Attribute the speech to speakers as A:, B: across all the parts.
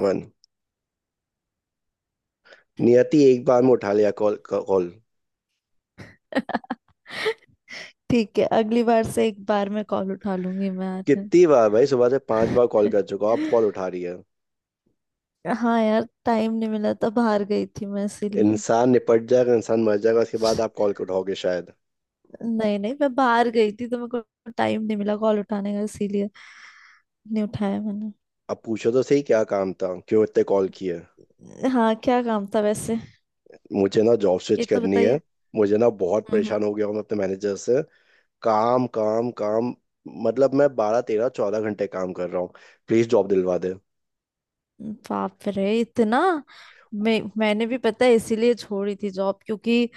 A: मन। नियति, एक बार में उठा लिया कॉल कॉल
B: ठीक है। अगली बार से एक बार मैं कॉल उठा लूंगी मैं आर्यन।
A: कितनी बार भाई, सुबह से 5 बार कॉल कर चुका हूं, आप कॉल उठा रही है।
B: हाँ यार, टाइम नहीं मिला था, बाहर गई थी मैं इसीलिए।
A: इंसान निपट जाएगा, इंसान मर जाएगा, उसके बाद आप कॉल उठाओगे शायद।
B: नहीं नहीं, मैं बाहर गई थी तो मेरे को टाइम नहीं मिला कॉल उठाने का, इसीलिए नहीं उठाया मैंने।
A: अब पूछो तो सही, क्या काम था, क्यों इतने कॉल किए।
B: हाँ, क्या काम था वैसे।
A: मुझे ना जॉब
B: ये
A: स्विच
B: तो
A: करनी है।
B: बताइए।
A: मुझे ना बहुत
B: हम्म
A: परेशान हो गया हूं मैं अपने मैनेजर से। काम काम काम। मतलब मैं 12 13 14 घंटे काम कर रहा हूँ। प्लीज जॉब दिलवा दे।
B: बाप रे इतना। मैंने भी पता है इसीलिए छोड़ी थी जॉब, क्योंकि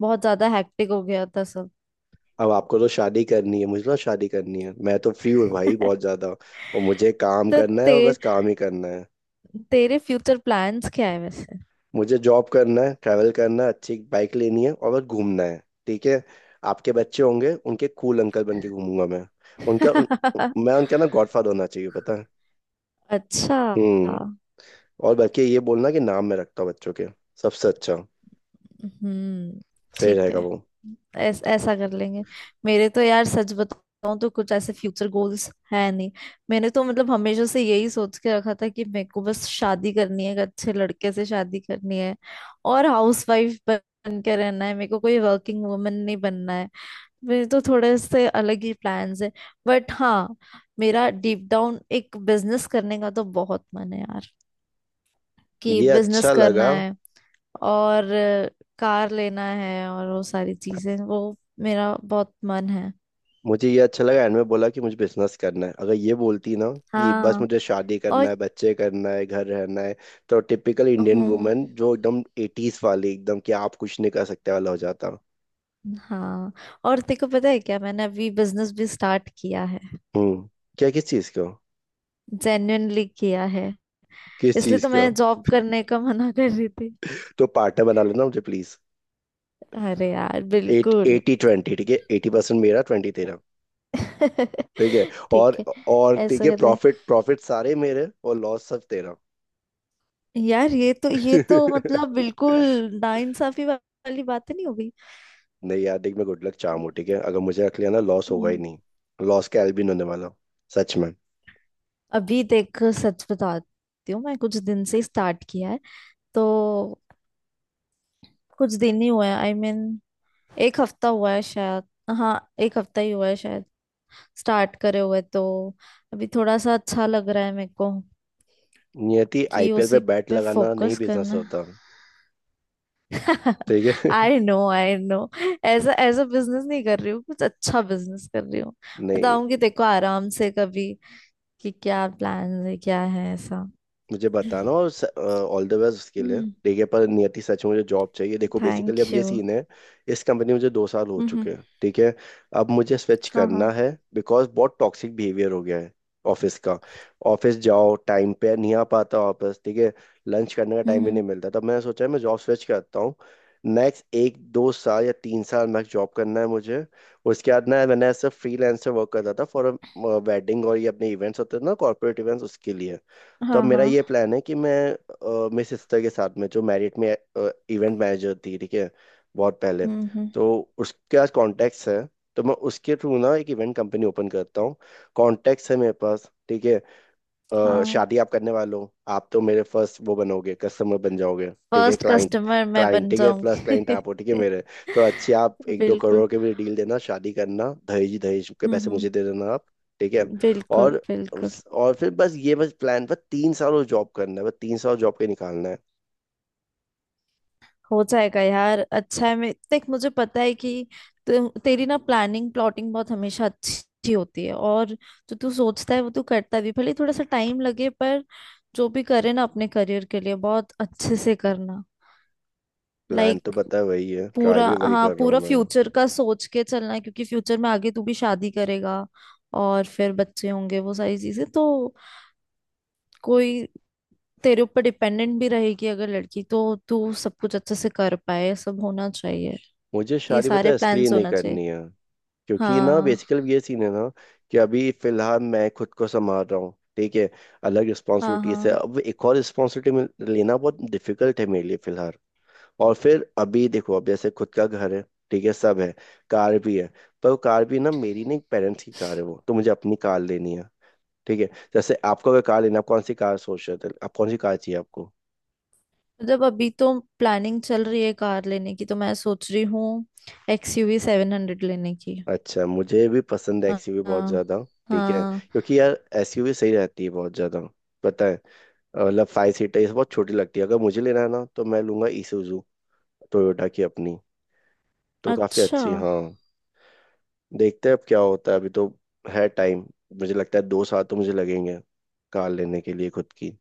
B: बहुत ज्यादा हैक्टिक हो गया था सब।
A: अब आपको तो शादी करनी है, मुझे ना शादी करनी है, मैं तो फ्री हूँ भाई बहुत ज्यादा, और मुझे काम
B: तो
A: करना है और बस काम ही करना है।
B: तेरे फ्यूचर प्लान्स क्या है वैसे।
A: मुझे जॉब करना है, ट्रैवल करना है, अच्छी बाइक लेनी है और बस घूमना है। ठीक है। आपके बच्चे होंगे, उनके कूल अंकल बन के घूमूंगा मैं। उनका उन, मैं उनका ना गॉडफादर होना चाहिए, पता है।
B: अच्छा।
A: हम्म। और बल्कि ये बोलना कि नाम मैं रखता हूँ बच्चों के, सबसे अच्छा,
B: हम्म।
A: सही
B: ठीक
A: रहेगा
B: है।
A: वो।
B: ऐसा कर लेंगे। मेरे तो यार सच बताऊं तो कुछ ऐसे फ्यूचर गोल्स है नहीं। मैंने तो मतलब हमेशा से यही सोच के रखा था कि मेरे को बस शादी करनी है, एक अच्छे लड़के से शादी करनी है और हाउसवाइफ बन के रहना है। मेरे को कोई वर्किंग वुमन नहीं बनना है। मेरे तो थोड़े से अलग ही प्लान्स है। बट हाँ, मेरा डीप डाउन एक बिजनेस करने का तो बहुत मन है यार, कि
A: ये
B: बिजनेस
A: अच्छा
B: करना
A: लगा।
B: है। और कार लेना है और वो सारी चीजें, वो मेरा बहुत मन है।
A: मुझे ये अच्छा लगा एंड में बोला कि मुझे बिजनेस करना है, अगर ये बोलती ना कि बस
B: हाँ।
A: मुझे शादी
B: और
A: करना है, बच्चे करना है, घर रहना है, तो टिपिकल इंडियन
B: हूँ।
A: वुमेन जो एकदम एटीज वाली एकदम, कि आप कुछ नहीं कर सकते वाला हो जाता।
B: हाँ। और तेको पता है क्या, मैंने अभी बिजनेस भी स्टार्ट किया है।
A: हम्म। क्या किस चीज का?
B: जेन्युइनली किया है।
A: किस
B: इसलिए
A: चीज
B: तो मैं
A: का?
B: जॉब करने का मना कर रही थी।
A: तो पार्टनर बना लेना मुझे प्लीज।
B: अरे यार,
A: एट
B: बिल्कुल।
A: 80-20, ठीक है, 80% मेरा, 20 तेरा। ठीक है। और
B: ठीक है,
A: और ठीक
B: ऐसा
A: है,
B: कर लें।
A: प्रॉफिट प्रॉफिट सारे मेरे और लॉस सब तेरा।
B: यार, ये तो मतलब बिल्कुल नाइंसाफी वाली बात तो नहीं हो गई?
A: नहीं यार देख, मैं गुड लक चाहूँ, ठीक है, अगर मुझे रख लिया ना, लॉस होगा ही
B: हम्म।
A: नहीं। लॉस का एल भी नहीं होने वाला, सच में।
B: अभी देख, सच बताती हूँ मैं कुछ दिन से स्टार्ट किया है तो। कुछ दिन ही हुआ है, आई I मीन mean, एक हफ्ता हुआ है शायद। हाँ, एक हफ्ता ही हुआ है शायद स्टार्ट करे हुए तो। अभी थोड़ा सा अच्छा लग रहा है मेरे को
A: नियति,
B: कि
A: आईपीएल पे
B: उसी
A: बैट
B: पे
A: लगाना नहीं,
B: फोकस
A: बिजनेस
B: करना।
A: होता। ठीक है।
B: I know I know. ऐसा ऐसा बिजनेस नहीं कर रही हूँ, कुछ अच्छा बिजनेस कर रही हूँ।
A: नहीं,
B: बताऊंगी तेको आराम से कभी कि क्या प्लान है, क्या है ऐसा।
A: मुझे बताना और ऑल द बेस्ट उसके लिए,
B: हम्म।
A: ठीक है, पर नियति, सच में मुझे जॉब चाहिए, देखो, बेसिकली
B: थैंक
A: अब ये
B: यू।
A: सीन है। इस कंपनी में मुझे 2 साल हो
B: हम्म।
A: चुके हैं, ठीक है। अब मुझे स्विच
B: हाँ
A: करना
B: हाँ।
A: है बिकॉज बहुत टॉक्सिक बिहेवियर हो गया है ऑफिस का। ऑफिस जाओ, टाइम पे नहीं आ पाता ऑफिस, ठीक है। लंच करने का टाइम
B: हम्म
A: भी
B: हम्म।
A: नहीं मिलता, तब मैंने सोचा है मैं जॉब स्विच करता हूँ। नेक्स्ट एक दो साल या 3 साल मैं जॉब करना है मुझे। उसके बाद ना, मैंने ऐसे फ्रीलांसर वर्क करता था फॉर वेडिंग, और ये अपने इवेंट्स होते थे ना, कॉर्पोरेट इवेंट्स उसके लिए। तो अब
B: हाँ
A: मेरा ये
B: हाँ।
A: प्लान है कि मैं मेरी सिस्टर के साथ में, जो मैरिट में इवेंट मैनेजर थी, ठीक है, बहुत पहले,
B: हम्म।
A: तो उसके पास कॉन्टैक्ट्स है, तो मैं उसके थ्रू ना एक इवेंट कंपनी ओपन करता हूँ। कॉन्टैक्ट्स है मेरे पास, ठीक है।
B: हाँ,
A: शादी आप करने वाले हो, आप तो मेरे फर्स्ट वो बनोगे, कस्टमर बन जाओगे, ठीक है,
B: फर्स्ट
A: क्लाइंट।
B: कस्टमर मैं
A: क्लाइंट,
B: बन
A: ठीक है, फर्स्ट क्लाइंट आप हो, ठीक है
B: जाऊंगी।
A: मेरे। तो अच्छी आप एक दो
B: बिल्कुल।
A: करोड़ के भी डील देना, शादी करना, दहेज दहेज के पैसे
B: हम्म।
A: मुझे दे देना आप। ठीक है।
B: बिल्कुल
A: और
B: बिल्कुल।
A: और फिर बस ये, बस प्लान, बस 3 साल और जॉब करना है, बस 3 साल जॉब के निकालना है।
B: हो जाएगा यार, अच्छा है। मैं देख, मुझे पता है कि तेरी ना प्लानिंग प्लॉटिंग बहुत हमेशा अच्छी होती है, और जो तू सोचता है वो तू करता भी, भले थोड़ा सा टाइम लगे। पर जो भी करे ना अपने करियर के लिए, बहुत अच्छे से करना।
A: प्लान
B: लाइक
A: तो पता है वही है, ट्राई
B: पूरा,
A: भी वही
B: हाँ,
A: कर रहा हूँ
B: पूरा
A: मैं।
B: फ्यूचर का सोच के चलना है, क्योंकि फ्यूचर में आगे तू भी शादी करेगा और फिर बच्चे होंगे, वो सारी चीजें। तो कोई तेरे ऊपर डिपेंडेंट भी रहेगी अगर लड़की, तो तू सब कुछ अच्छे से कर पाए, ये सब होना चाहिए।
A: मुझे
B: ये
A: शादी पता
B: सारे
A: है इसलिए
B: प्लान्स
A: नहीं
B: होना चाहिए।
A: करनी है, क्योंकि ना
B: हाँ
A: बेसिकली ये सीन है ना कि अभी फिलहाल मैं खुद को संभाल रहा हूँ, ठीक है। अलग
B: हाँ
A: रिस्पॉन्सिबिलिटी से
B: हाँ।
A: अब एक और रिस्पॉन्सिबिलिटी लेना बहुत डिफिकल्ट है मेरे लिए फिलहाल। और फिर अभी देखो, अब जैसे खुद का घर है, ठीक है, सब है, कार भी है। पर वो कार भी ना मेरी नहीं, पेरेंट्स की कार है वो, तो मुझे अपनी कार लेनी है, ठीक है। जैसे आपको अगर कार लेना, आप कौन सी कार सोच रहे थे, आप कौन सी कार चाहिए आपको।
B: मतलब अभी तो प्लानिंग चल रही है कार लेने की, तो मैं सोच रही हूँ एक्सयूवी 700 लेने की।
A: अच्छा, मुझे भी पसंद है
B: हाँ
A: एक्सयूवी बहुत
B: हाँ
A: ज्यादा। ठीक है,
B: हाँ।
A: क्योंकि यार एसयूवी सही रहती है बहुत ज्यादा, पता है। मतलब 5 सीटर ये सब बहुत छोटी लगती है, अगर मुझे लेना है ना तो मैं लूंगा isuzu, टोयोटा की अपनी, तो काफी
B: अच्छा।
A: अच्छी हाँ। देखते हैं अब क्या होता है, अभी तो है टाइम। मुझे लगता है 2 साल तो मुझे लगेंगे कार लेने के लिए खुद की।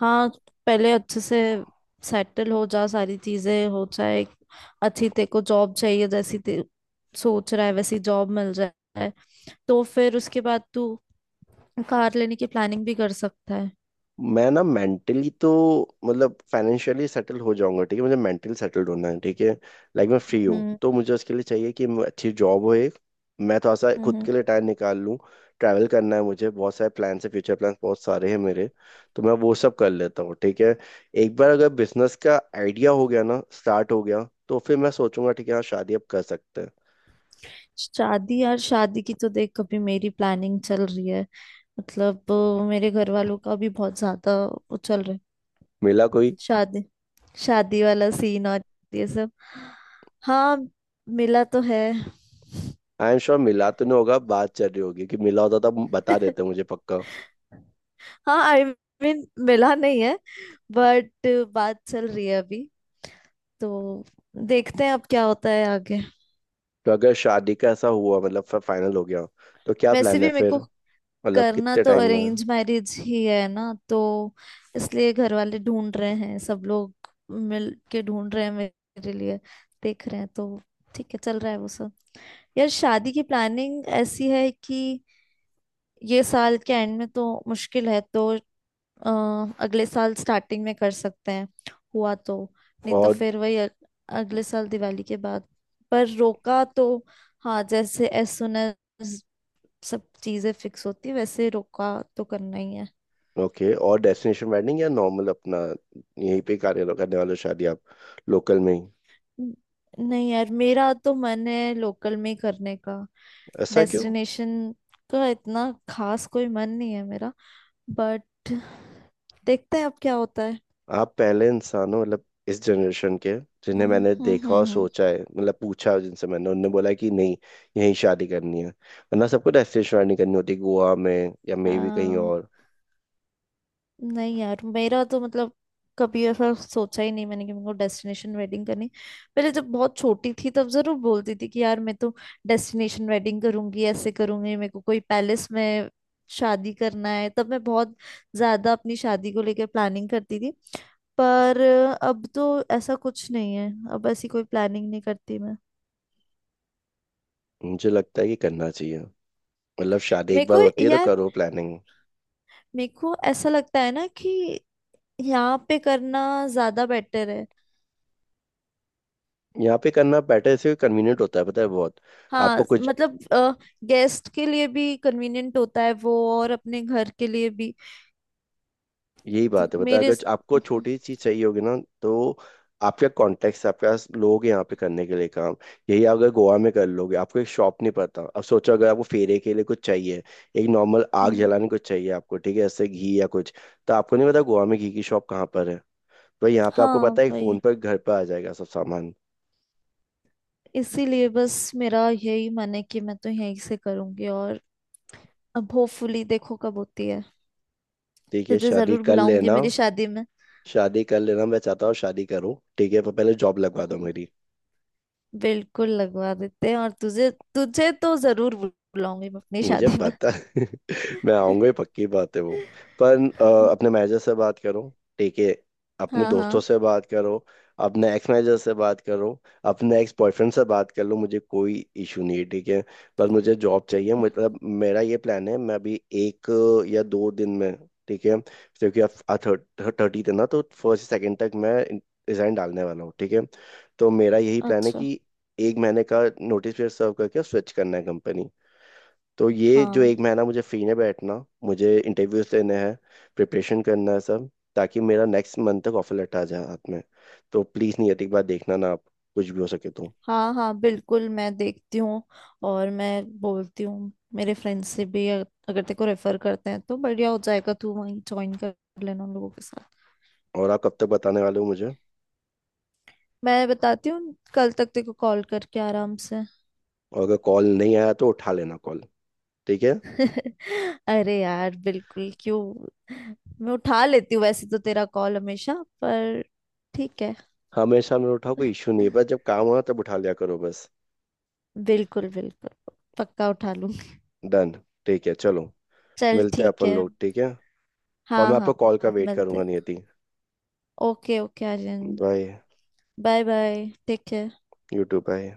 B: हाँ, पहले अच्छे से सेटल हो जा, सारी चीजें हो जाए, एक अच्छी तेरे को जॉब चाहिए जैसी ते सोच रहा है वैसी जॉब मिल जाए, तो फिर उसके बाद तू कार लेने की प्लानिंग भी कर सकता है।
A: मैं ना मेंटली तो, मतलब फाइनेंशियली सेटल हो जाऊंगा, ठीक है, मुझे मेंटली सेटल्ड होना है, ठीक है। लाइक मैं फ्री हूँ
B: हम्म
A: तो मुझे उसके लिए चाहिए कि अच्छी जॉब हो एक, मैं थोड़ा सा
B: हम्म
A: खुद के
B: हम्म।
A: लिए टाइम निकाल लूँ। ट्रैवल करना है मुझे, बहुत सारे प्लान्स है, फ्यूचर प्लान्स बहुत सारे हैं मेरे, तो मैं वो सब कर लेता हूँ, ठीक है। एक बार अगर बिजनेस का आइडिया हो गया ना, स्टार्ट हो गया, तो फिर मैं सोचूंगा, ठीक है हाँ, शादी अब कर सकते हैं।
B: शादी यार, शादी की तो देख कभी मेरी प्लानिंग चल रही है, मतलब मेरे घर वालों का भी बहुत ज्यादा वो चल रहा है।
A: मिला कोई?
B: शादी, शादी वाला सीन और ये सब। हाँ, मिला तो है।
A: आई एम श्योर मिला तो नहीं होगा, बात चल रही होगी, कि मिला होता तो बता देते मुझे पक्का।
B: हाँ, आई मीन, मिला नहीं है बट बात चल रही है अभी। तो देखते हैं अब क्या होता है आगे।
A: तो अगर शादी का ऐसा हुआ, मतलब फाइनल हो गया, तो क्या
B: वैसे
A: प्लान
B: भी
A: है
B: मेरे
A: फिर,
B: को
A: मतलब
B: करना
A: कितने
B: तो
A: टाइम में।
B: अरेंज मैरिज ही है ना, तो इसलिए घर वाले ढूंढ रहे हैं, सब लोग मिल के ढूंढ रहे हैं मेरे लिए, देख रहे हैं तो। ठीक है, चल रहा है वो सब। यार शादी की प्लानिंग ऐसी है कि ये साल के एंड में तो मुश्किल है, तो अ, अगले साल स्टार्टिंग में कर सकते हैं हुआ तो। नहीं तो
A: और
B: फिर वही अगले साल दिवाली के बाद। पर रोका तो, हाँ, जैसे एज सुन एज सब चीजें फिक्स होती वैसे रोका तो करना ही है।
A: ओके, और डेस्टिनेशन वेडिंग या नॉर्मल अपना, यहीं पे कार्य करने वाले हो शादी आप, लोकल में ही।
B: न- नहीं यार, मेरा तो मन है लोकल में ही करने का।
A: ऐसा क्यों?
B: डेस्टिनेशन का इतना खास कोई मन नहीं है मेरा। बट देखते हैं अब क्या होता है।
A: आप पहले इंसान हो मतलब इस जनरेशन के जिन्हें
B: हम्म
A: मैंने
B: हम्म
A: देखा और
B: हम्म
A: सोचा है, मतलब पूछा जिनसे मैंने, उनने बोला कि नहीं, यहीं शादी करनी है, वरना सबको डेस्टिनेशन वेडिंग करनी होती है गोवा में या मे भी कहीं
B: हम्म।
A: और।
B: नहीं यार, मेरा तो मतलब कभी ऐसा सोचा ही नहीं मैंने कि मेरे को डेस्टिनेशन वेडिंग करनी। पहले जब बहुत छोटी थी तब जरूर बोलती थी कि यार मैं तो डेस्टिनेशन वेडिंग करूंगी, ऐसे करूंगी, मेरे को कोई पैलेस में शादी करना है। तब मैं बहुत ज्यादा अपनी शादी को लेकर प्लानिंग करती थी। पर अब तो ऐसा कुछ नहीं है, अब ऐसी कोई प्लानिंग नहीं करती मैं।
A: मुझे लगता है कि करना चाहिए, मतलब शादी
B: मेरे
A: एक बार
B: को
A: होती है, तो
B: यार,
A: करो प्लानिंग।
B: मेरे को ऐसा लगता है ना कि यहाँ पे करना ज्यादा बेटर है।
A: यहाँ पे करना बेटर से कन्वीनियंट होता है, पता है, बहुत।
B: हाँ
A: आपको कुछ,
B: मतलब, गेस्ट के लिए भी कन्वीनियंट होता है वो और अपने घर के लिए भी।
A: यही
B: तो
A: बात है पता है,
B: मेरे,
A: अगर आपको छोटी चीज चाहिए होगी ना, तो आपके कॉन्टेक्ट आपके पास लोग हैं यहाँ पे करने के लिए काम। यही अगर गोवा में कर लोगे, आपको एक शॉप नहीं पता, अब सोचो अगर आपको फेरे के लिए कुछ चाहिए, एक नॉर्मल आग
B: हम्म,
A: जलाने कुछ चाहिए आपको, ठीक है, जैसे घी या कुछ, तो आपको नहीं पता गोवा में घी की शॉप कहाँ पर है। तो यहाँ पे आपको
B: हाँ
A: पता है, एक फोन
B: वही
A: पर घर पर आ जाएगा सब सामान।
B: इसीलिए बस मेरा यही मन है कि मैं तो यहीं से करूंगी, और अब होपफुली देखो कब होती है।
A: ठीक है,
B: तुझे
A: शादी
B: जरूर
A: कर
B: बुलाऊंगी
A: लेना।
B: मेरी शादी में।
A: शादी कर लेना, मैं चाहता हूँ शादी करूँ, ठीक है, पर पहले जॉब लगवा दो
B: हम्म।
A: मेरी।
B: बिल्कुल लगवा देते हैं, और तुझे तुझे तो जरूर बुलाऊंगी मैं अपनी
A: मुझे
B: शादी में।
A: पता है मैं आऊंगा ही, पक्की बात है वो। पर अपने मैनेजर से बात करो, ठीक है, अपने
B: हाँ हाँ।
A: दोस्तों से बात करो, अपने एक्स मैनेजर से बात करो, अपने एक्स बॉयफ्रेंड से बात कर लो, मुझे कोई इशू नहीं है, ठीक है। पर मुझे जॉब चाहिए,
B: ठीक है।
A: मतलब मेरा ये प्लान है, मैं अभी एक या दो दिन में, ठीक है, क्योंकि अब 30 है ना, तो फर्स्ट सेकंड तक मैं रिजाइन डालने वाला हूँ, ठीक है। तो मेरा यही प्लान है
B: अच्छा।
A: कि एक महीने का नोटिस पीरियड सर्व करके स्विच करना है कंपनी। तो ये जो
B: हाँ
A: एक महीना मुझे फ्री में बैठना, मुझे इंटरव्यूज देने हैं, प्रिपरेशन करना है सब, ताकि मेरा नेक्स्ट मंथ तक ऑफर लेटर आ जाए हाथ में। तो प्लीज़ नहीं, एक बार देखना ना आप, कुछ भी हो सके तो।
B: हाँ हाँ, बिल्कुल मैं देखती हूँ। और मैं बोलती हूँ मेरे फ्रेंड्स से भी, अगर तेरे को रेफर करते हैं तो बढ़िया हो जाएगा, तू वहीं ज्वाइन कर लेना उन लोगों के साथ।
A: और आप कब तक बताने वाले हो मुझे?
B: मैं बताती हूँ कल तक तेरे को, कॉल करके आराम से।
A: और अगर कॉल नहीं आया तो उठा लेना कॉल, ठीक है।
B: अरे यार बिल्कुल, क्यों, मैं उठा लेती हूँ वैसे तो तेरा कॉल हमेशा। पर ठीक है,
A: हमेशा मेरे उठाओ, कोई इशू नहीं है, बस जब काम हो तब उठा लिया करो बस।
B: बिल्कुल बिल्कुल पक्का उठा लूंगी।
A: डन। ठीक है, चलो,
B: चल,
A: मिलते हैं
B: ठीक
A: अपन
B: है।
A: लोग, ठीक है। और
B: हाँ
A: मैं आपको
B: हाँ
A: कॉल का
B: हाँ,
A: वेट करूंगा
B: मिलते।
A: Niyati.
B: Okay okay Aryan.
A: Bye.
B: Bye bye, take care.
A: YouTube bye.